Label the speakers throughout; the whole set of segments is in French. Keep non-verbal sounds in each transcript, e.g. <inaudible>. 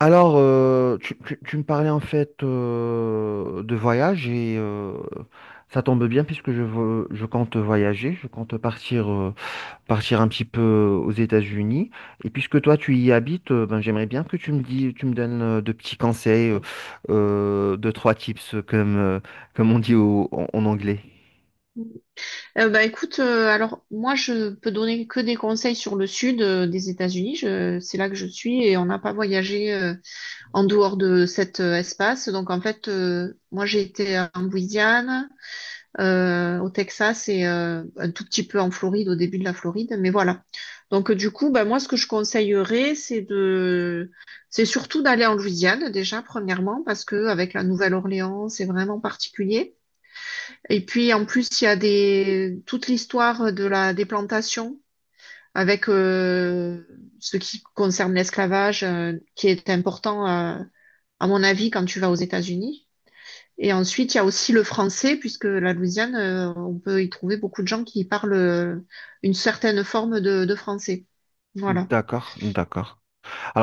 Speaker 1: Alors, tu me parlais en fait de voyage et ça tombe bien puisque je compte voyager, je compte partir un petit peu aux États-Unis. Et puisque toi tu y habites, ben, j'aimerais bien que tu me dis, tu me donnes de petits conseils, deux, trois tips comme on dit en anglais.
Speaker 2: Euh, bah écoute, alors moi je peux donner que des conseils sur le sud des États-Unis. C'est là que je suis et on n'a pas voyagé en dehors de cet espace. Donc en fait, moi j'ai été en Louisiane, au Texas et un tout petit peu en Floride, au début de la Floride. Mais voilà. Du coup, bah moi ce que je conseillerais, c'est surtout d'aller en Louisiane déjà premièrement parce que avec la Nouvelle-Orléans, c'est vraiment particulier. Et puis en plus, il y a des... toute l'histoire de la déplantation avec ce qui concerne l'esclavage, qui est important, à mon avis, quand tu vas aux États-Unis. Et ensuite, il y a aussi le français, puisque la Louisiane, on peut y trouver beaucoup de gens qui parlent une certaine forme de français. Voilà.
Speaker 1: D'accord, d'accord.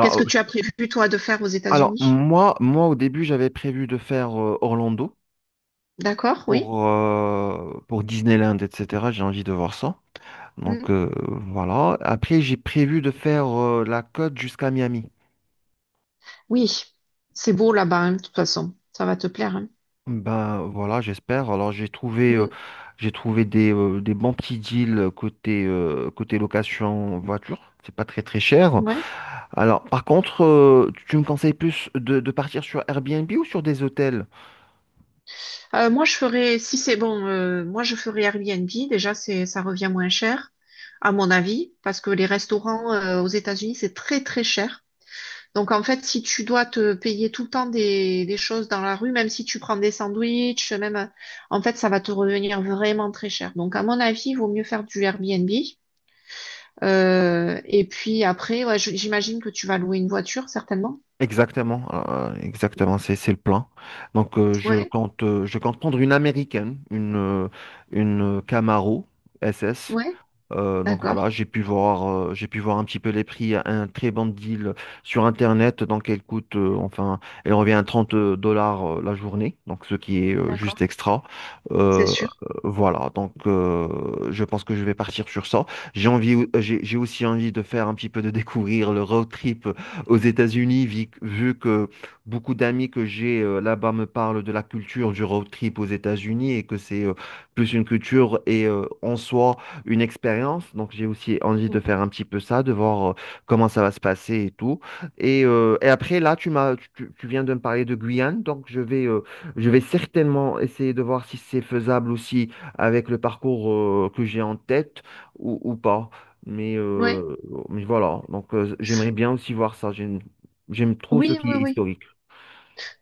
Speaker 2: Qu'est-ce que
Speaker 1: euh,
Speaker 2: tu as prévu, toi, de faire aux
Speaker 1: alors,
Speaker 2: États-Unis?
Speaker 1: moi au début j'avais prévu de faire Orlando,
Speaker 2: D'accord, oui.
Speaker 1: pour Disneyland, etc. J'ai envie de voir ça. Donc
Speaker 2: Mm.
Speaker 1: voilà. Après, j'ai prévu de faire la côte jusqu'à Miami.
Speaker 2: Oui, c'est beau là-bas, hein, de toute façon. Ça va te plaire, hein.
Speaker 1: Ben voilà, j'espère. Alors j'ai trouvé, euh,
Speaker 2: Mm.
Speaker 1: j'ai trouvé des bons petits deals côté location voiture. C'est pas très très cher.
Speaker 2: Ouais.
Speaker 1: Alors par contre, tu me conseilles plus de partir sur Airbnb ou sur des hôtels?
Speaker 2: Moi, je ferais, si c'est bon, moi, je ferais Airbnb. Déjà, ça revient moins cher, à mon avis, parce que les restaurants, aux États-Unis, c'est très cher. Donc, en fait, si tu dois te payer tout le temps des choses dans la rue, même si tu prends des sandwichs, même, en fait, ça va te revenir vraiment très cher. Donc, à mon avis, il vaut mieux faire du Airbnb. Et puis après, ouais, j'imagine que tu vas louer une voiture, certainement.
Speaker 1: Exactement, c'est le plan. Donc je
Speaker 2: Ouais,
Speaker 1: compte euh, je compte prendre une américaine, une Camaro SS
Speaker 2: ouais,
Speaker 1: donc
Speaker 2: d'accord,
Speaker 1: voilà, j'ai pu voir un petit peu les prix, un très bon deal sur Internet. Donc elle coûte, enfin, elle revient à 30 dollars la journée, donc ce qui est
Speaker 2: d'accord,
Speaker 1: juste extra.
Speaker 2: c'est
Speaker 1: Euh,
Speaker 2: sûr.
Speaker 1: voilà, donc je pense que je vais partir sur ça. J'ai aussi envie de faire un petit peu de découvrir le road trip aux États-Unis, vu que beaucoup d'amis que j'ai là-bas me parlent de la culture du road trip aux États-Unis et que c'est plus une culture et en soi une expérience. Donc, j'ai aussi envie de
Speaker 2: Mm.
Speaker 1: faire un petit peu ça, de voir comment ça va se passer et tout. Et après, là, tu viens de me parler de Guyane. Donc, je vais certainement essayer de voir si c'est faisable aussi avec le parcours que j'ai en tête ou pas. Mais,
Speaker 2: Ouais.
Speaker 1: euh, mais voilà. Donc, j'aimerais bien aussi voir ça. J'aime trop ce
Speaker 2: Oui,
Speaker 1: qui
Speaker 2: oui,
Speaker 1: est
Speaker 2: oui.
Speaker 1: historique.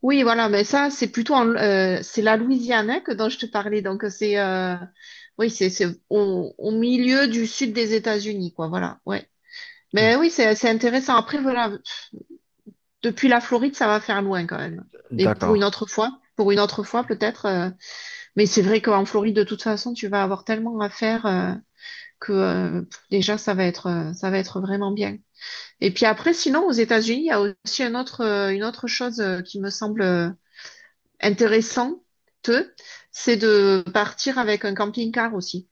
Speaker 2: Oui, voilà, mais ça, c'est plutôt c'est la Louisiane hein, que dont je te parlais. Donc c'est oui, c'est au, au milieu du sud des États-Unis, quoi. Voilà, ouais. Mais oui, c'est intéressant. Après, voilà, depuis la Floride, ça va faire loin quand même. Mais pour une
Speaker 1: D'accord.
Speaker 2: autre fois, pour une autre fois peut-être. Mais c'est vrai qu'en Floride, de toute façon, tu vas avoir tellement à faire que pff, déjà ça va être vraiment bien. Et puis après, sinon, aux États-Unis, il y a aussi un autre, une autre chose qui me semble intéressant, c'est de partir avec un camping-car aussi.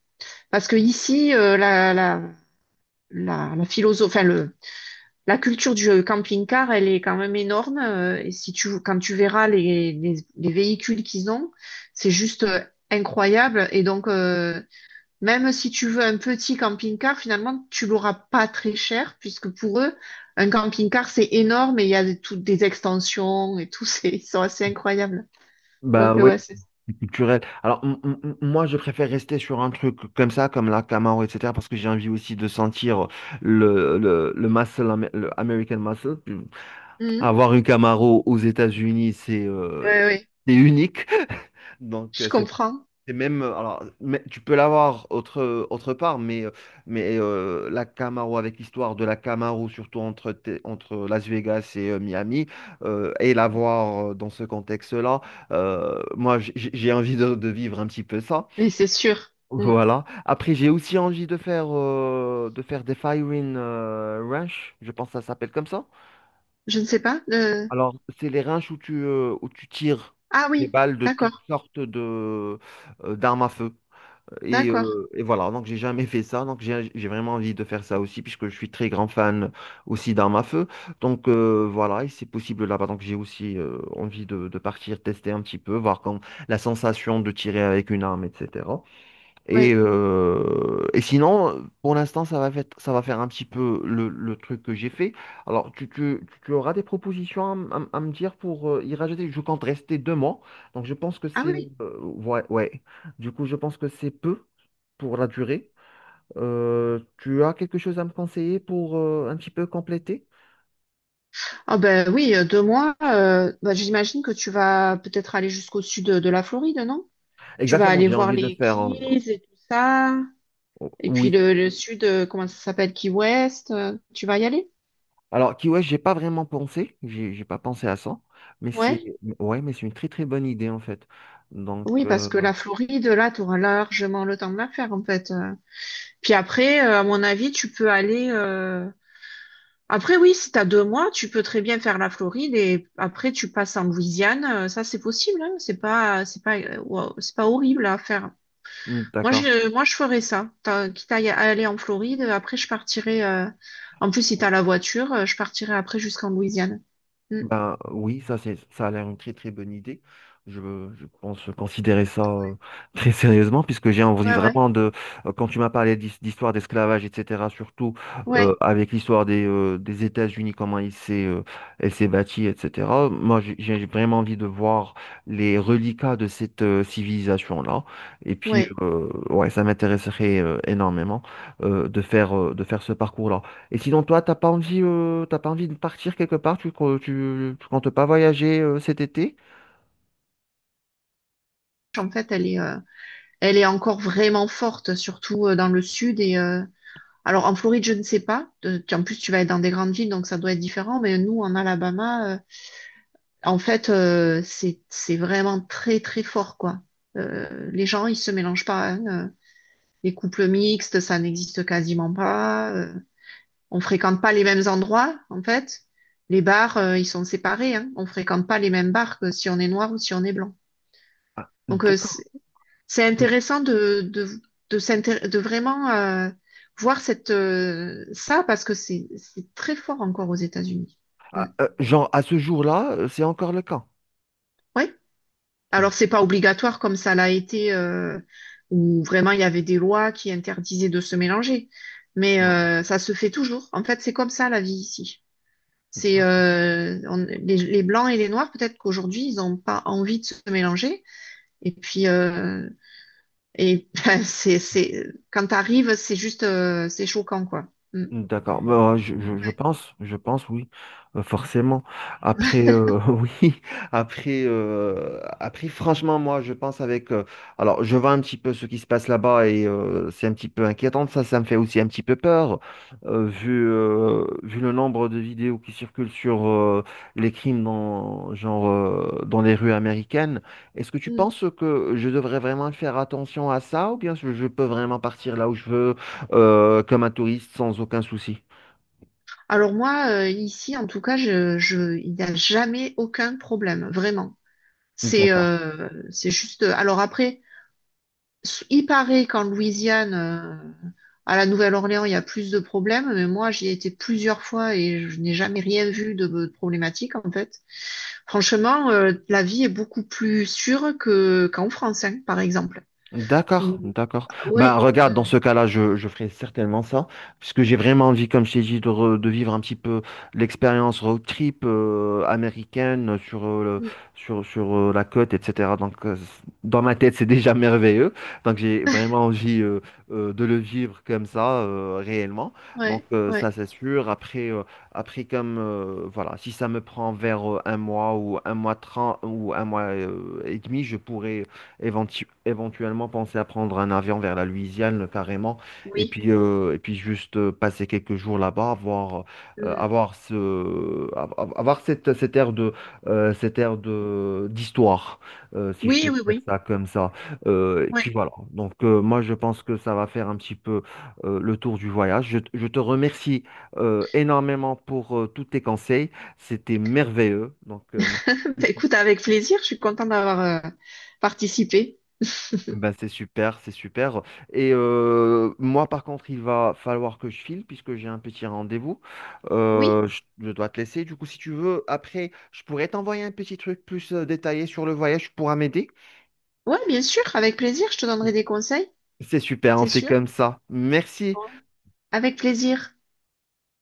Speaker 2: Parce que ici, la philosophe, enfin, la culture du camping-car, elle est quand même énorme. Et si tu, quand tu verras les véhicules qu'ils ont, c'est juste incroyable. Et donc, même si tu veux un petit camping-car, finalement, tu l'auras pas très cher, puisque pour eux, un camping-car, c'est énorme et il y a toutes des extensions et tout, <laughs> c'est, ils sont assez incroyables.
Speaker 1: Bah
Speaker 2: Donc,
Speaker 1: oui,
Speaker 2: ouais, c'est. Ça.
Speaker 1: c'est culturel. Alors, moi, je préfère rester sur un truc comme ça, comme la Camaro, etc., parce que j'ai envie aussi de sentir le muscle, le American muscle.
Speaker 2: Mhm.
Speaker 1: Avoir une Camaro aux États-Unis, c'est euh,
Speaker 2: Oui, oui,
Speaker 1: c'est unique. <laughs> Donc,
Speaker 2: je comprends,
Speaker 1: c'est même, alors, mais tu peux l'avoir autre part, mais, la Camaro, avec l'histoire de la Camaro, surtout entre Las Vegas et Miami, et l'avoir dans ce contexte-là, moi, j'ai envie de vivre un petit peu ça.
Speaker 2: mais c'est sûr. Mm.
Speaker 1: Voilà. Après, j'ai aussi envie de faire des firing range, je pense que ça s'appelle comme ça.
Speaker 2: Je ne sais pas.
Speaker 1: Alors, c'est les ranges où tu tires
Speaker 2: Ah
Speaker 1: des
Speaker 2: oui,
Speaker 1: balles de toutes
Speaker 2: d'accord,
Speaker 1: sortes d'armes à feu. Et,
Speaker 2: d'accord.
Speaker 1: euh, et voilà, donc j'ai jamais fait ça, donc j'ai vraiment envie de faire ça aussi, puisque je suis très grand fan aussi d'armes à feu. Donc voilà, et c'est possible là-bas. Donc j'ai aussi envie de partir tester un petit peu, voir quand la sensation de tirer avec une arme, etc. Et,
Speaker 2: Oui.
Speaker 1: euh, et sinon, pour l'instant, ça va faire un petit peu le truc que j'ai fait. Alors, tu auras des propositions à me dire pour y rajouter. Je compte rester 2 mois. Donc, je pense que
Speaker 2: Ah
Speaker 1: c'est,
Speaker 2: oui.
Speaker 1: ouais, ouais. Du coup, je pense que c'est peu pour la durée. Tu as quelque chose à me conseiller pour un petit peu compléter?
Speaker 2: Ah ben oui, deux mois. Bah, j'imagine que tu vas peut-être aller jusqu'au sud de la Floride, non? Tu vas
Speaker 1: Exactement,
Speaker 2: aller
Speaker 1: j'ai
Speaker 2: voir
Speaker 1: envie de
Speaker 2: les
Speaker 1: faire.
Speaker 2: Keys et tout ça. Et puis
Speaker 1: Oui,
Speaker 2: le sud, comment ça s'appelle? Key West. Tu vas y aller?
Speaker 1: Alors, Kiwesh, j'ai pas vraiment pensé, j'ai pas pensé à ça, mais
Speaker 2: Ouais.
Speaker 1: c'est ouais, mais c'est une très très bonne idée en fait. Donc,
Speaker 2: Oui, parce que la Floride, là, tu auras largement le temps de la faire, en fait. Puis après, à mon avis, tu peux aller. Après, oui, si t'as deux mois, tu peux très bien faire la Floride et après tu passes en Louisiane. Ça, c'est possible, hein. C'est pas, wow, c'est pas horrible à faire.
Speaker 1: hmm,
Speaker 2: Moi, je,
Speaker 1: d'accord.
Speaker 2: euh, moi, je ferais ça. Quitte à à aller en Floride, après je partirai. En plus, si t'as la voiture, je partirai après jusqu'en Louisiane. Mm.
Speaker 1: Ben oui, ça a l'air une très très bonne idée. Je, je pense considérer ça <laughs> très sérieusement puisque j'ai envie
Speaker 2: Ouais, ouais,
Speaker 1: vraiment de quand tu m'as parlé d'histoire d'esclavage etc. surtout
Speaker 2: ouais,
Speaker 1: avec l'histoire des États-Unis comment il s'est elle s'est bâtie etc. Moi j'ai vraiment envie de voir les reliquats de cette civilisation-là et puis
Speaker 2: ouais.
Speaker 1: ouais ça m'intéresserait énormément de faire ce parcours-là. Et sinon, toi, t'as pas envie, de partir quelque part? Tu comptes pas voyager cet été?
Speaker 2: En fait, elle est encore vraiment forte, surtout dans le sud et. Alors en Floride, je ne sais pas. En plus, tu vas être dans des grandes villes, donc ça doit être différent. Mais nous, en Alabama, en fait, c'est vraiment très très fort quoi. Les gens ils se mélangent pas, hein. Les couples mixtes ça n'existe quasiment pas. On fréquente pas les mêmes endroits en fait. Les bars ils sont séparés. Hein. On fréquente pas les mêmes bars que si on est noir ou si on est blanc.
Speaker 1: Ah,
Speaker 2: Donc
Speaker 1: d'accord.
Speaker 2: c'est intéressant de de vraiment voir cette ça parce que c'est très fort encore aux États-Unis. Mm.
Speaker 1: Ah, genre, à ce jour-là, c'est encore le cas.
Speaker 2: Ouais.
Speaker 1: Mm.
Speaker 2: Alors, c'est pas obligatoire comme ça l'a été, où vraiment il y avait des lois qui interdisaient de se mélanger. Mais
Speaker 1: Ouais.
Speaker 2: ça se fait toujours. En fait, c'est comme ça la vie ici. C'est les blancs et les noirs, peut-être qu'aujourd'hui, ils n'ont pas envie de se mélanger. Et puis, et <laughs> ben, c'est, quand t'arrives, c'est juste, c'est choquant, quoi. Mm.
Speaker 1: D'accord. Bah, je, je, je
Speaker 2: Ouais.
Speaker 1: pense, je pense, oui. Forcément. Après, <laughs> oui, après, franchement, moi, je pense avec. Alors, je vois un petit peu ce qui se passe là-bas et c'est un petit peu inquiétant. Ça me fait aussi un petit peu peur, vu le nombre de vidéos qui circulent sur les crimes dans, genre, dans les rues américaines. Est-ce que tu
Speaker 2: Mm.
Speaker 1: penses que je devrais vraiment faire attention à ça ou bien je peux vraiment partir là où je veux? Comme un touriste sans aucun souci.
Speaker 2: Alors moi, ici, en tout cas, il n'y a jamais aucun problème, vraiment.
Speaker 1: D'accord.
Speaker 2: C'est juste. Alors après, il paraît qu'en Louisiane, à la Nouvelle-Orléans, il y a plus de problèmes, mais moi, j'y ai été plusieurs fois et je n'ai jamais rien vu de problématique, en fait. Franchement, la vie est beaucoup plus sûre que, qu'en France, hein, par exemple.
Speaker 1: D'accord,
Speaker 2: Ou-
Speaker 1: d'accord. Ben,
Speaker 2: ouais,
Speaker 1: regarde, dans ce cas-là, je ferai certainement ça, puisque j'ai vraiment envie, comme je t'ai dit, de vivre un petit peu l'expérience road trip américaine sur, euh, le-
Speaker 2: mm,
Speaker 1: sur, sur euh, la côte, etc. Donc, dans ma tête, c'est déjà <laughs> merveilleux. Donc, j'ai vraiment envie de le vivre comme ça, réellement. Donc,
Speaker 2: ouais, ouais,
Speaker 1: ça, c'est sûr. Après comme, voilà, si ça me prend vers un mois ou un mois trente ou un mois et demi, je pourrais éventuellement penser à prendre un avion vers la Louisiane carrément, et
Speaker 2: oui.
Speaker 1: puis, euh, et puis juste passer quelques jours là-bas, voir,
Speaker 2: Mm.
Speaker 1: avoir ce, av- av- avoir cette ère d'histoire, si je peux
Speaker 2: Oui, oui,
Speaker 1: dire
Speaker 2: oui.
Speaker 1: ça comme ça. Et puis
Speaker 2: Ouais.
Speaker 1: voilà. Donc moi, je pense que ça va faire un petit peu le tour du voyage. Je te remercie énormément pour tous tes conseils. C'était merveilleux. Donc,
Speaker 2: <laughs> Bah, écoute, avec plaisir, je suis contente d'avoir euh, participé.
Speaker 1: Ben c'est super, c'est super. Et moi, par contre, il va falloir que je file puisque j'ai un petit rendez-vous.
Speaker 2: Oui,
Speaker 1: Je dois te laisser. Du coup, si tu veux, après, je pourrais t'envoyer un petit truc plus détaillé sur le voyage. Tu pourras m'aider.
Speaker 2: ouais, bien sûr, avec plaisir, je te donnerai des conseils,
Speaker 1: C'est super, on
Speaker 2: c'est
Speaker 1: fait
Speaker 2: sûr.
Speaker 1: comme ça. Merci.
Speaker 2: Bon. Avec plaisir.